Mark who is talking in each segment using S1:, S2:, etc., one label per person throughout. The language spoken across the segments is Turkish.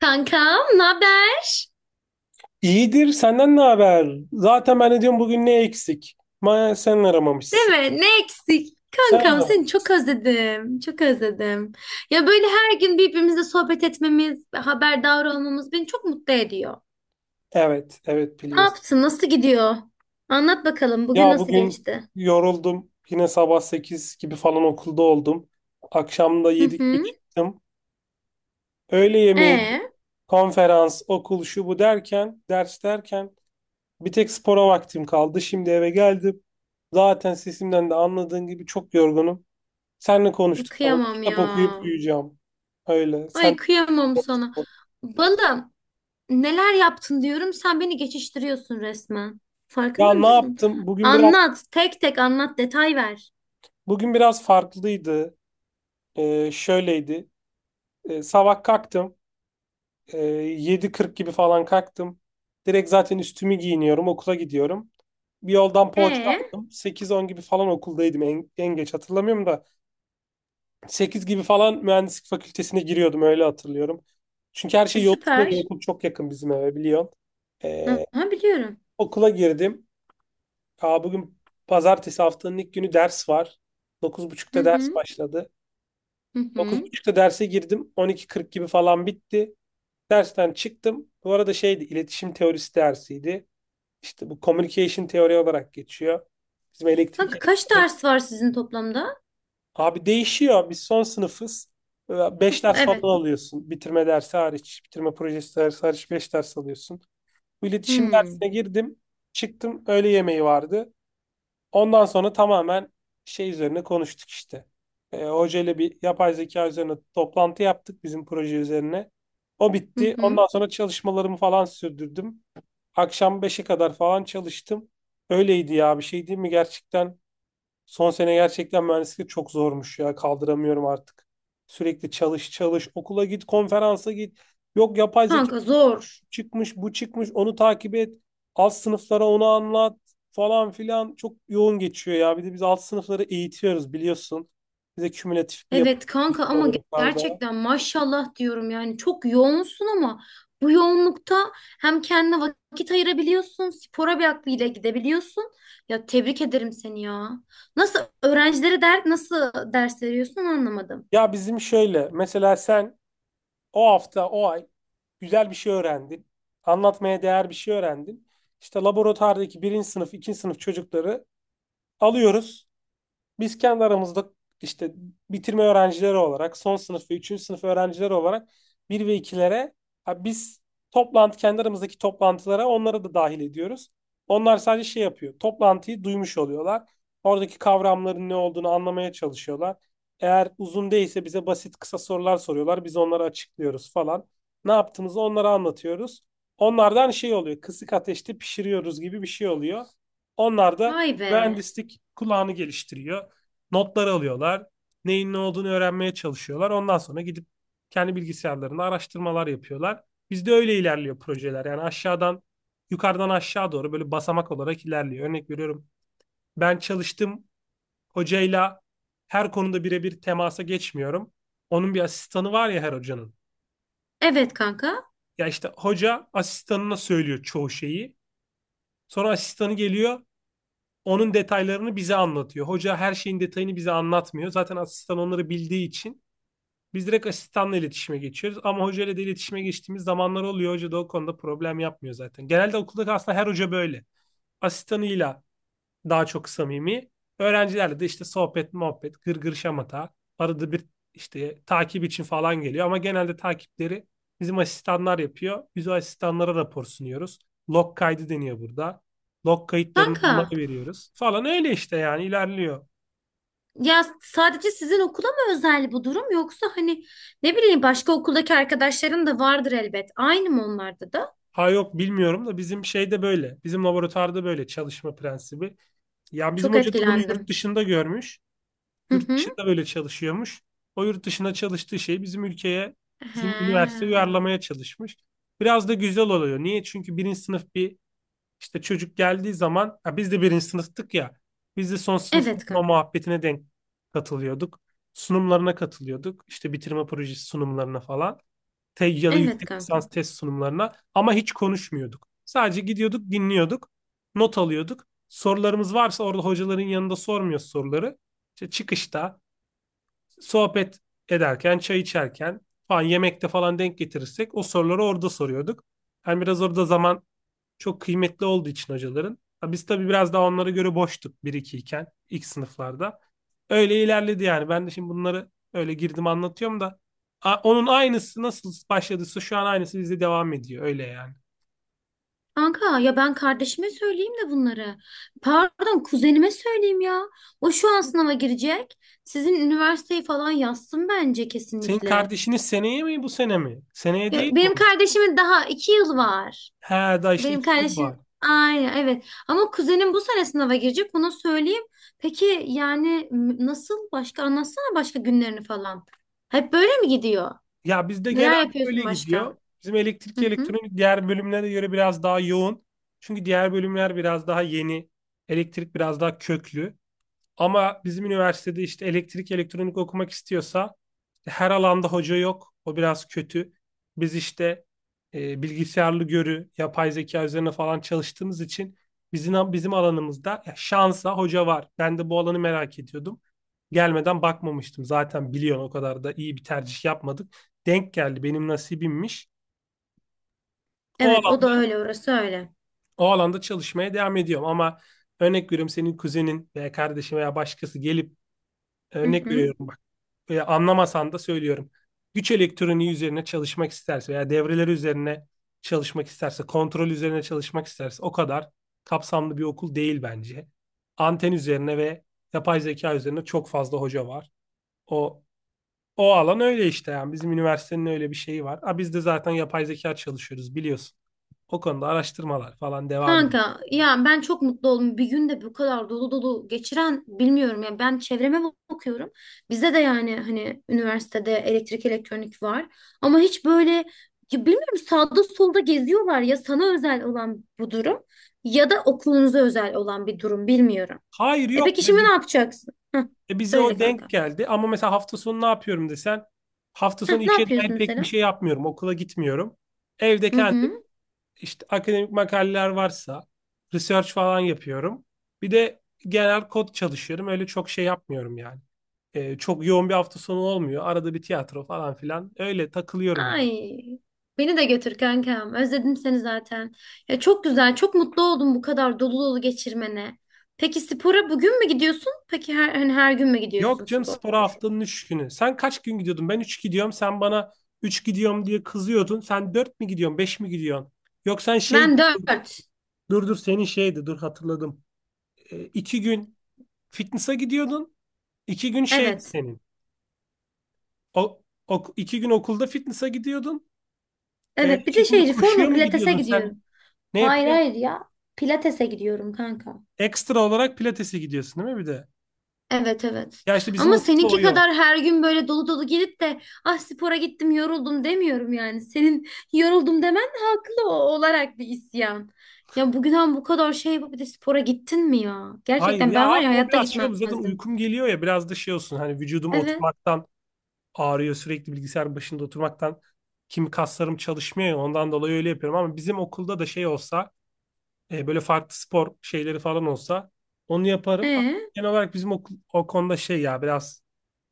S1: Kankam, ne haber?
S2: İyidir, senden ne haber? Zaten ben de diyorum bugün ne eksik? Ma sen
S1: Değil
S2: aramamışsın.
S1: mi? Ne eksik?
S2: Sen
S1: Kankam
S2: aramadın.
S1: seni çok özledim. Çok özledim. Ya böyle her gün birbirimizle sohbet etmemiz, haberdar olmamız beni çok mutlu ediyor.
S2: Evet, evet
S1: Ne
S2: biliyorsun.
S1: yaptın? Nasıl gidiyor? Anlat bakalım bugün
S2: Ya
S1: nasıl
S2: bugün
S1: geçti?
S2: yoruldum. Yine sabah 8 gibi falan okulda oldum. Akşam da
S1: Hı
S2: 7 gibi
S1: hı.
S2: çıktım. Öğle yemeği,
S1: E,
S2: konferans, okul şu bu derken, ders derken bir tek spora vaktim kaldı. Şimdi eve geldim. Zaten sesimden de anladığın gibi çok yorgunum. Seninle konuştuk. Tamam.
S1: Kıyamam
S2: Kitap
S1: ya.
S2: okuyup uyuyacağım. Öyle.
S1: Ay kıyamam sana. Balım, neler yaptın diyorum sen beni geçiştiriyorsun resmen. Farkında
S2: Ya ne
S1: mısın?
S2: yaptım?
S1: Anlat, tek tek anlat, detay ver.
S2: Bugün biraz farklıydı. Şöyleydi. Sabah kalktım. Ee, 7.40 gibi falan kalktım. Direkt zaten üstümü giyiniyorum. Okula gidiyorum. Bir yoldan poğaça
S1: E,
S2: aldım. 8.10 gibi falan okuldaydım. En geç hatırlamıyorum da. Sekiz gibi falan mühendislik fakültesine giriyordum. Öyle hatırlıyorum. Çünkü her
S1: e
S2: şey yol üstünde ve
S1: süper.
S2: okul çok yakın bizim eve biliyorsun. Ee,
S1: Aha, biliyorum.
S2: Okula girdim. Aa, bugün pazartesi haftanın ilk günü ders var. dokuz
S1: Hı
S2: buçukta ders
S1: hı.
S2: başladı.
S1: Hı
S2: Dokuz
S1: hı.
S2: buçukta derse girdim. 12.40 gibi falan bitti. Dersten çıktım. Bu arada şeydi, iletişim teorisi dersiydi. İşte bu communication teori olarak geçiyor. Bizim elektrik
S1: Kanka kaç
S2: elektronik.
S1: ders var sizin toplamda?
S2: Abi değişiyor. Biz son sınıfız. 5 ders falan
S1: Evet.
S2: alıyorsun. Bitirme dersi hariç, bitirme projesi dersi hariç 5 ders alıyorsun. Bu iletişim
S1: Hmm.
S2: dersine girdim. Çıktım. Öğle yemeği vardı. Ondan sonra tamamen şey üzerine konuştuk işte. Hoca ile bir yapay zeka üzerine toplantı yaptık bizim proje üzerine. O
S1: Hı
S2: bitti. Ondan
S1: hı.
S2: sonra çalışmalarımı falan sürdürdüm. Akşam 5'e kadar falan çalıştım. Öyleydi ya bir şey değil mi gerçekten? Son sene gerçekten mühendislik çok zormuş ya kaldıramıyorum artık. Sürekli çalış çalış okula git konferansa git. Yok yapay zeka
S1: Kanka zor.
S2: çıkmış, bu çıkmış, onu takip et. Alt sınıflara onu anlat falan filan çok yoğun geçiyor ya. Bir de biz alt sınıfları eğitiyoruz biliyorsun. Bize kümülatif bir yapı
S1: Evet kanka
S2: bütün
S1: ama
S2: gruplarda.
S1: gerçekten maşallah diyorum yani çok yoğunsun ama bu yoğunlukta hem kendine vakit ayırabiliyorsun, spora bir aklıyla gidebiliyorsun. Ya tebrik ederim seni ya. Nasıl öğrencilere der, nasıl ders veriyorsun anlamadım.
S2: Ya bizim şöyle mesela sen o hafta o ay güzel bir şey öğrendin. Anlatmaya değer bir şey öğrendin. İşte laboratuvardaki birinci sınıf, ikinci sınıf çocukları alıyoruz. Biz kendi aramızda işte bitirme öğrencileri olarak son sınıf ve üçüncü sınıf öğrencileri olarak bir ve ikilere ha biz kendi aramızdaki toplantılara onları da dahil ediyoruz. Onlar sadece şey yapıyor. Toplantıyı duymuş oluyorlar. Oradaki kavramların ne olduğunu anlamaya çalışıyorlar. Eğer uzun değilse bize basit kısa sorular soruyorlar. Biz onları açıklıyoruz falan. Ne yaptığımızı onlara anlatıyoruz. Onlardan şey oluyor. Kısık ateşte pişiriyoruz gibi bir şey oluyor. Onlar da
S1: Vay be.
S2: mühendislik kulağını geliştiriyor. Notlar alıyorlar. Neyin ne olduğunu öğrenmeye çalışıyorlar. Ondan sonra gidip kendi bilgisayarlarında araştırmalar yapıyorlar. Bizde öyle ilerliyor projeler. Yani yukarıdan aşağı doğru böyle basamak olarak ilerliyor. Örnek veriyorum. Ben çalıştım hocayla her konuda birebir temasa geçmiyorum. Onun bir asistanı var ya her hocanın.
S1: Evet kanka.
S2: Ya işte hoca asistanına söylüyor çoğu şeyi. Sonra asistanı geliyor, onun detaylarını bize anlatıyor. Hoca her şeyin detayını bize anlatmıyor. Zaten asistan onları bildiği için biz direkt asistanla iletişime geçiyoruz ama hocayla da iletişime geçtiğimiz zamanlar oluyor. Hoca da o konuda problem yapmıyor zaten. Genelde okulda aslında her hoca böyle. Asistanıyla daha çok samimi. Öğrencilerle de işte sohbet, muhabbet, gırgır şamata. Arada bir işte takip için falan geliyor ama genelde takipleri bizim asistanlar yapıyor. Biz o asistanlara rapor sunuyoruz. Log kaydı deniyor burada. Log kayıtlarını onlara
S1: Kanka,
S2: veriyoruz. Falan öyle işte yani ilerliyor.
S1: ya sadece sizin okula mı özel bu durum, yoksa hani ne bileyim başka okuldaki arkadaşların da vardır elbet. Aynı mı onlarda da?
S2: Ha yok bilmiyorum da bizim şeyde böyle. Bizim laboratuvarda böyle çalışma prensibi. Ya bizim
S1: Çok
S2: hoca da bunu yurt
S1: etkilendim.
S2: dışında görmüş.
S1: Hı
S2: Yurt
S1: hı.
S2: dışında böyle çalışıyormuş. O yurt dışında çalıştığı şeyi bizim ülkeye, bizim üniversite
S1: He.
S2: uyarlamaya çalışmış. Biraz da güzel oluyor. Niye? Çünkü birinci sınıf bir işte çocuk geldiği zaman ya biz de birinci sınıftık ya. Biz de son sınıfın
S1: Evet
S2: o
S1: kanka.
S2: muhabbetine denk katılıyorduk. Sunumlarına katılıyorduk. İşte bitirme projesi sunumlarına falan ya da
S1: Evet
S2: yüksek
S1: kanka.
S2: lisans test sunumlarına ama hiç konuşmuyorduk. Sadece gidiyorduk, dinliyorduk, not alıyorduk. Sorularımız varsa orada hocaların yanında sormuyoruz soruları. İşte çıkışta, sohbet ederken, çay içerken falan yemekte falan denk getirirsek o soruları orada soruyorduk. Yani biraz orada zaman çok kıymetli olduğu için hocaların. Biz tabii biraz daha onlara göre boştuk bir 2 iken ilk sınıflarda. Öyle ilerledi yani. Ben de şimdi bunları öyle girdim anlatıyorum da onun aynısı nasıl başladıysa şu an aynısı bizde devam ediyor. Öyle yani.
S1: Kanka ya ben kardeşime söyleyeyim de bunları. Pardon kuzenime söyleyeyim ya. O şu an sınava girecek. Sizin üniversiteyi falan yazsın bence
S2: Senin
S1: kesinlikle.
S2: kardeşiniz seneye mi bu sene mi? Seneye
S1: Ya,
S2: değil mi
S1: benim
S2: onun?
S1: kardeşimin daha iki yıl var.
S2: He daha işte
S1: Benim
S2: 2 yıl
S1: kardeşim
S2: var.
S1: aynen evet. Ama kuzenim bu sene sınava girecek onu söyleyeyim. Peki yani nasıl başka anlatsana başka günlerini falan. Hep böyle mi gidiyor?
S2: Ya bizde
S1: Neler
S2: genelde böyle
S1: yapıyorsun başka?
S2: gidiyor. Bizim
S1: Hı
S2: elektrik
S1: hı.
S2: elektronik diğer bölümlere göre biraz daha yoğun. Çünkü diğer bölümler biraz daha yeni. Elektrik biraz daha köklü. Ama bizim üniversitede işte elektrik elektronik okumak istiyorsa her alanda hoca yok. O biraz kötü. Biz işte bilgisayarlı görü, yapay zeka üzerine falan çalıştığımız için bizim alanımızda şansa hoca var. Ben de bu alanı merak ediyordum. Gelmeden bakmamıştım. Zaten biliyorsun o kadar da iyi bir tercih yapmadık. Denk geldi benim nasibimmiş. O
S1: Evet o
S2: alan,
S1: da öyle, orası öyle.
S2: O alanda çalışmaya devam ediyorum ama örnek veriyorum senin kuzenin veya kardeşin veya başkası gelip
S1: Hı
S2: örnek
S1: hı.
S2: veriyorum anlamasan da söylüyorum. Güç elektroniği üzerine çalışmak isterse veya devreleri üzerine çalışmak isterse, kontrol üzerine çalışmak isterse o kadar kapsamlı bir okul değil bence. Anten üzerine ve yapay zeka üzerine çok fazla hoca var. O o alan öyle işte yani bizim üniversitenin öyle bir şeyi var. Ha biz de zaten yapay zeka çalışıyoruz biliyorsun. O konuda araştırmalar falan devam ediyor.
S1: Kanka ya ben çok mutlu oldum. Bir günde bu kadar dolu dolu geçiren bilmiyorum ya. Ben çevreme bakıyorum. Bizde de yani hani üniversitede elektrik elektronik var. Ama hiç böyle ya bilmiyorum, sağda solda geziyorlar ya sana özel olan bu durum, ya da okulunuza özel olan bir durum, bilmiyorum.
S2: Hayır
S1: E
S2: yok
S1: peki
S2: ve
S1: şimdi ne yapacaksın? Heh,
S2: Bize
S1: söyle
S2: o
S1: kanka.
S2: denk geldi ama mesela hafta sonu ne yapıyorum desen hafta
S1: Heh,
S2: sonu
S1: ne
S2: işe
S1: yapıyorsun
S2: dair pek bir
S1: mesela?
S2: şey yapmıyorum. Okula gitmiyorum. Evde
S1: Hı
S2: kendim
S1: hı.
S2: işte akademik makaleler varsa research falan yapıyorum. Bir de genel kod çalışıyorum. Öyle çok şey yapmıyorum yani. Çok yoğun bir hafta sonu olmuyor. Arada bir tiyatro falan filan. Öyle takılıyorum yani.
S1: Ay, beni de götür kankam. Özledim seni zaten. Ya çok güzel, çok mutlu oldum bu kadar dolu dolu geçirmene. Peki spora bugün mü gidiyorsun? Peki her, hani her gün mü gidiyorsun
S2: Yok canım
S1: spor?
S2: spora haftanın 3 günü. Sen kaç gün gidiyordun? Ben 3 gidiyorum. Sen bana 3 gidiyorum diye kızıyordun. Sen 4 mi gidiyorsun? Beş mi gidiyorsun? Yok sen şey.
S1: Ben dört.
S2: Dur dur senin şeydi, dur hatırladım. İki gün fitness'a gidiyordun. İki gün şeydi
S1: Evet.
S2: senin. İki gün okulda fitness'a gidiyordun.
S1: Evet. Bir
S2: İki
S1: de
S2: günde
S1: şey
S2: koşuya
S1: reformer
S2: mı
S1: pilatese
S2: gidiyordun sen?
S1: gidiyorum.
S2: Neye
S1: Hayır
S2: pila-
S1: hayır ya. Pilatese gidiyorum kanka.
S2: Ekstra olarak pilatese gidiyorsun değil mi bir de?
S1: Evet evet.
S2: Ya işte bizim
S1: Ama
S2: okulda o
S1: seninki
S2: yok.
S1: kadar her gün böyle dolu dolu gelip de ah spora gittim yoruldum demiyorum yani. Senin yoruldum demen de haklı olarak bir isyan. Ya bugünden bu kadar şey yapıp bir de spora gittin mi ya?
S2: Hayır
S1: Gerçekten
S2: ya
S1: ben var ya
S2: abi o
S1: hayatta
S2: biraz şey oluyor. Zaten
S1: gitmezdim.
S2: uykum geliyor ya biraz da şey olsun. Hani vücudum
S1: Evet.
S2: oturmaktan ağrıyor. Sürekli bilgisayar başında oturmaktan. Kim kaslarım çalışmıyor ya, ondan dolayı öyle yapıyorum. Ama bizim okulda da şey olsa böyle farklı spor şeyleri falan olsa onu yaparım. Ama
S1: Ee,
S2: genel olarak bizim okul, o konuda şey ya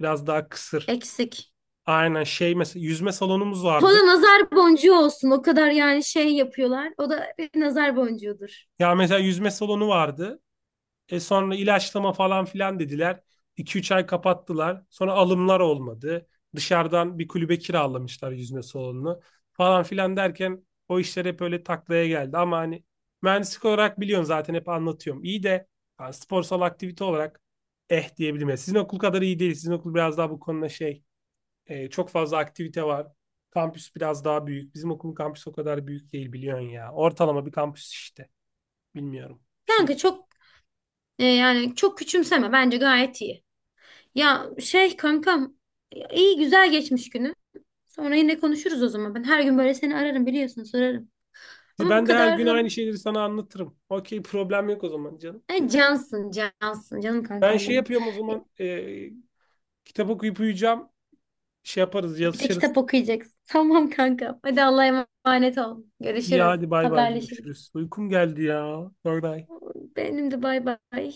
S2: biraz daha kısır.
S1: Eksik.
S2: Aynen şey mesela yüzme salonumuz
S1: O
S2: vardı.
S1: da nazar boncuğu olsun. O kadar yani şey yapıyorlar. O da bir nazar boncuğudur.
S2: Ya mesela yüzme salonu vardı. Sonra ilaçlama falan filan dediler. 2-3 ay kapattılar. Sonra alımlar olmadı. Dışarıdan bir kulübe kiralamışlar yüzme salonunu falan filan derken o işler hep öyle taklaya geldi. Ama hani mühendislik olarak biliyorsun zaten hep anlatıyorum. İyi de yani sporsal aktivite olarak eh diyebilirim. Yani sizin okul kadar iyi değil. Sizin okul biraz daha bu konuda şey çok fazla aktivite var. Kampüs biraz daha büyük. Bizim okulun kampüsü o kadar büyük değil biliyorsun ya. Ortalama bir kampüs işte. Bilmiyorum. Bir şey.
S1: Kanka çok yani çok küçümseme. Bence gayet iyi. Ya şey kankam ya iyi güzel geçmiş günü. Sonra yine konuşuruz o zaman. Ben her gün böyle seni ararım biliyorsun sorarım. Ama bu
S2: Ben de her
S1: kadar
S2: gün
S1: da
S2: aynı şeyleri sana anlatırım. Okey problem yok o zaman canım.
S1: cansın cansın canım
S2: Ben
S1: kankam
S2: şey
S1: benim.
S2: yapıyorum o zaman kitap okuyup uyuyacağım. Şey yaparız
S1: Bir de kitap
S2: yazışırız.
S1: okuyacaksın. Tamam kankam. Hadi Allah'a emanet ol.
S2: İyi
S1: Görüşürüz.
S2: hadi bay bay
S1: Haberleşiriz.
S2: görüşürüz. Uykum geldi ya. Bye bye.
S1: Benim de bay bay.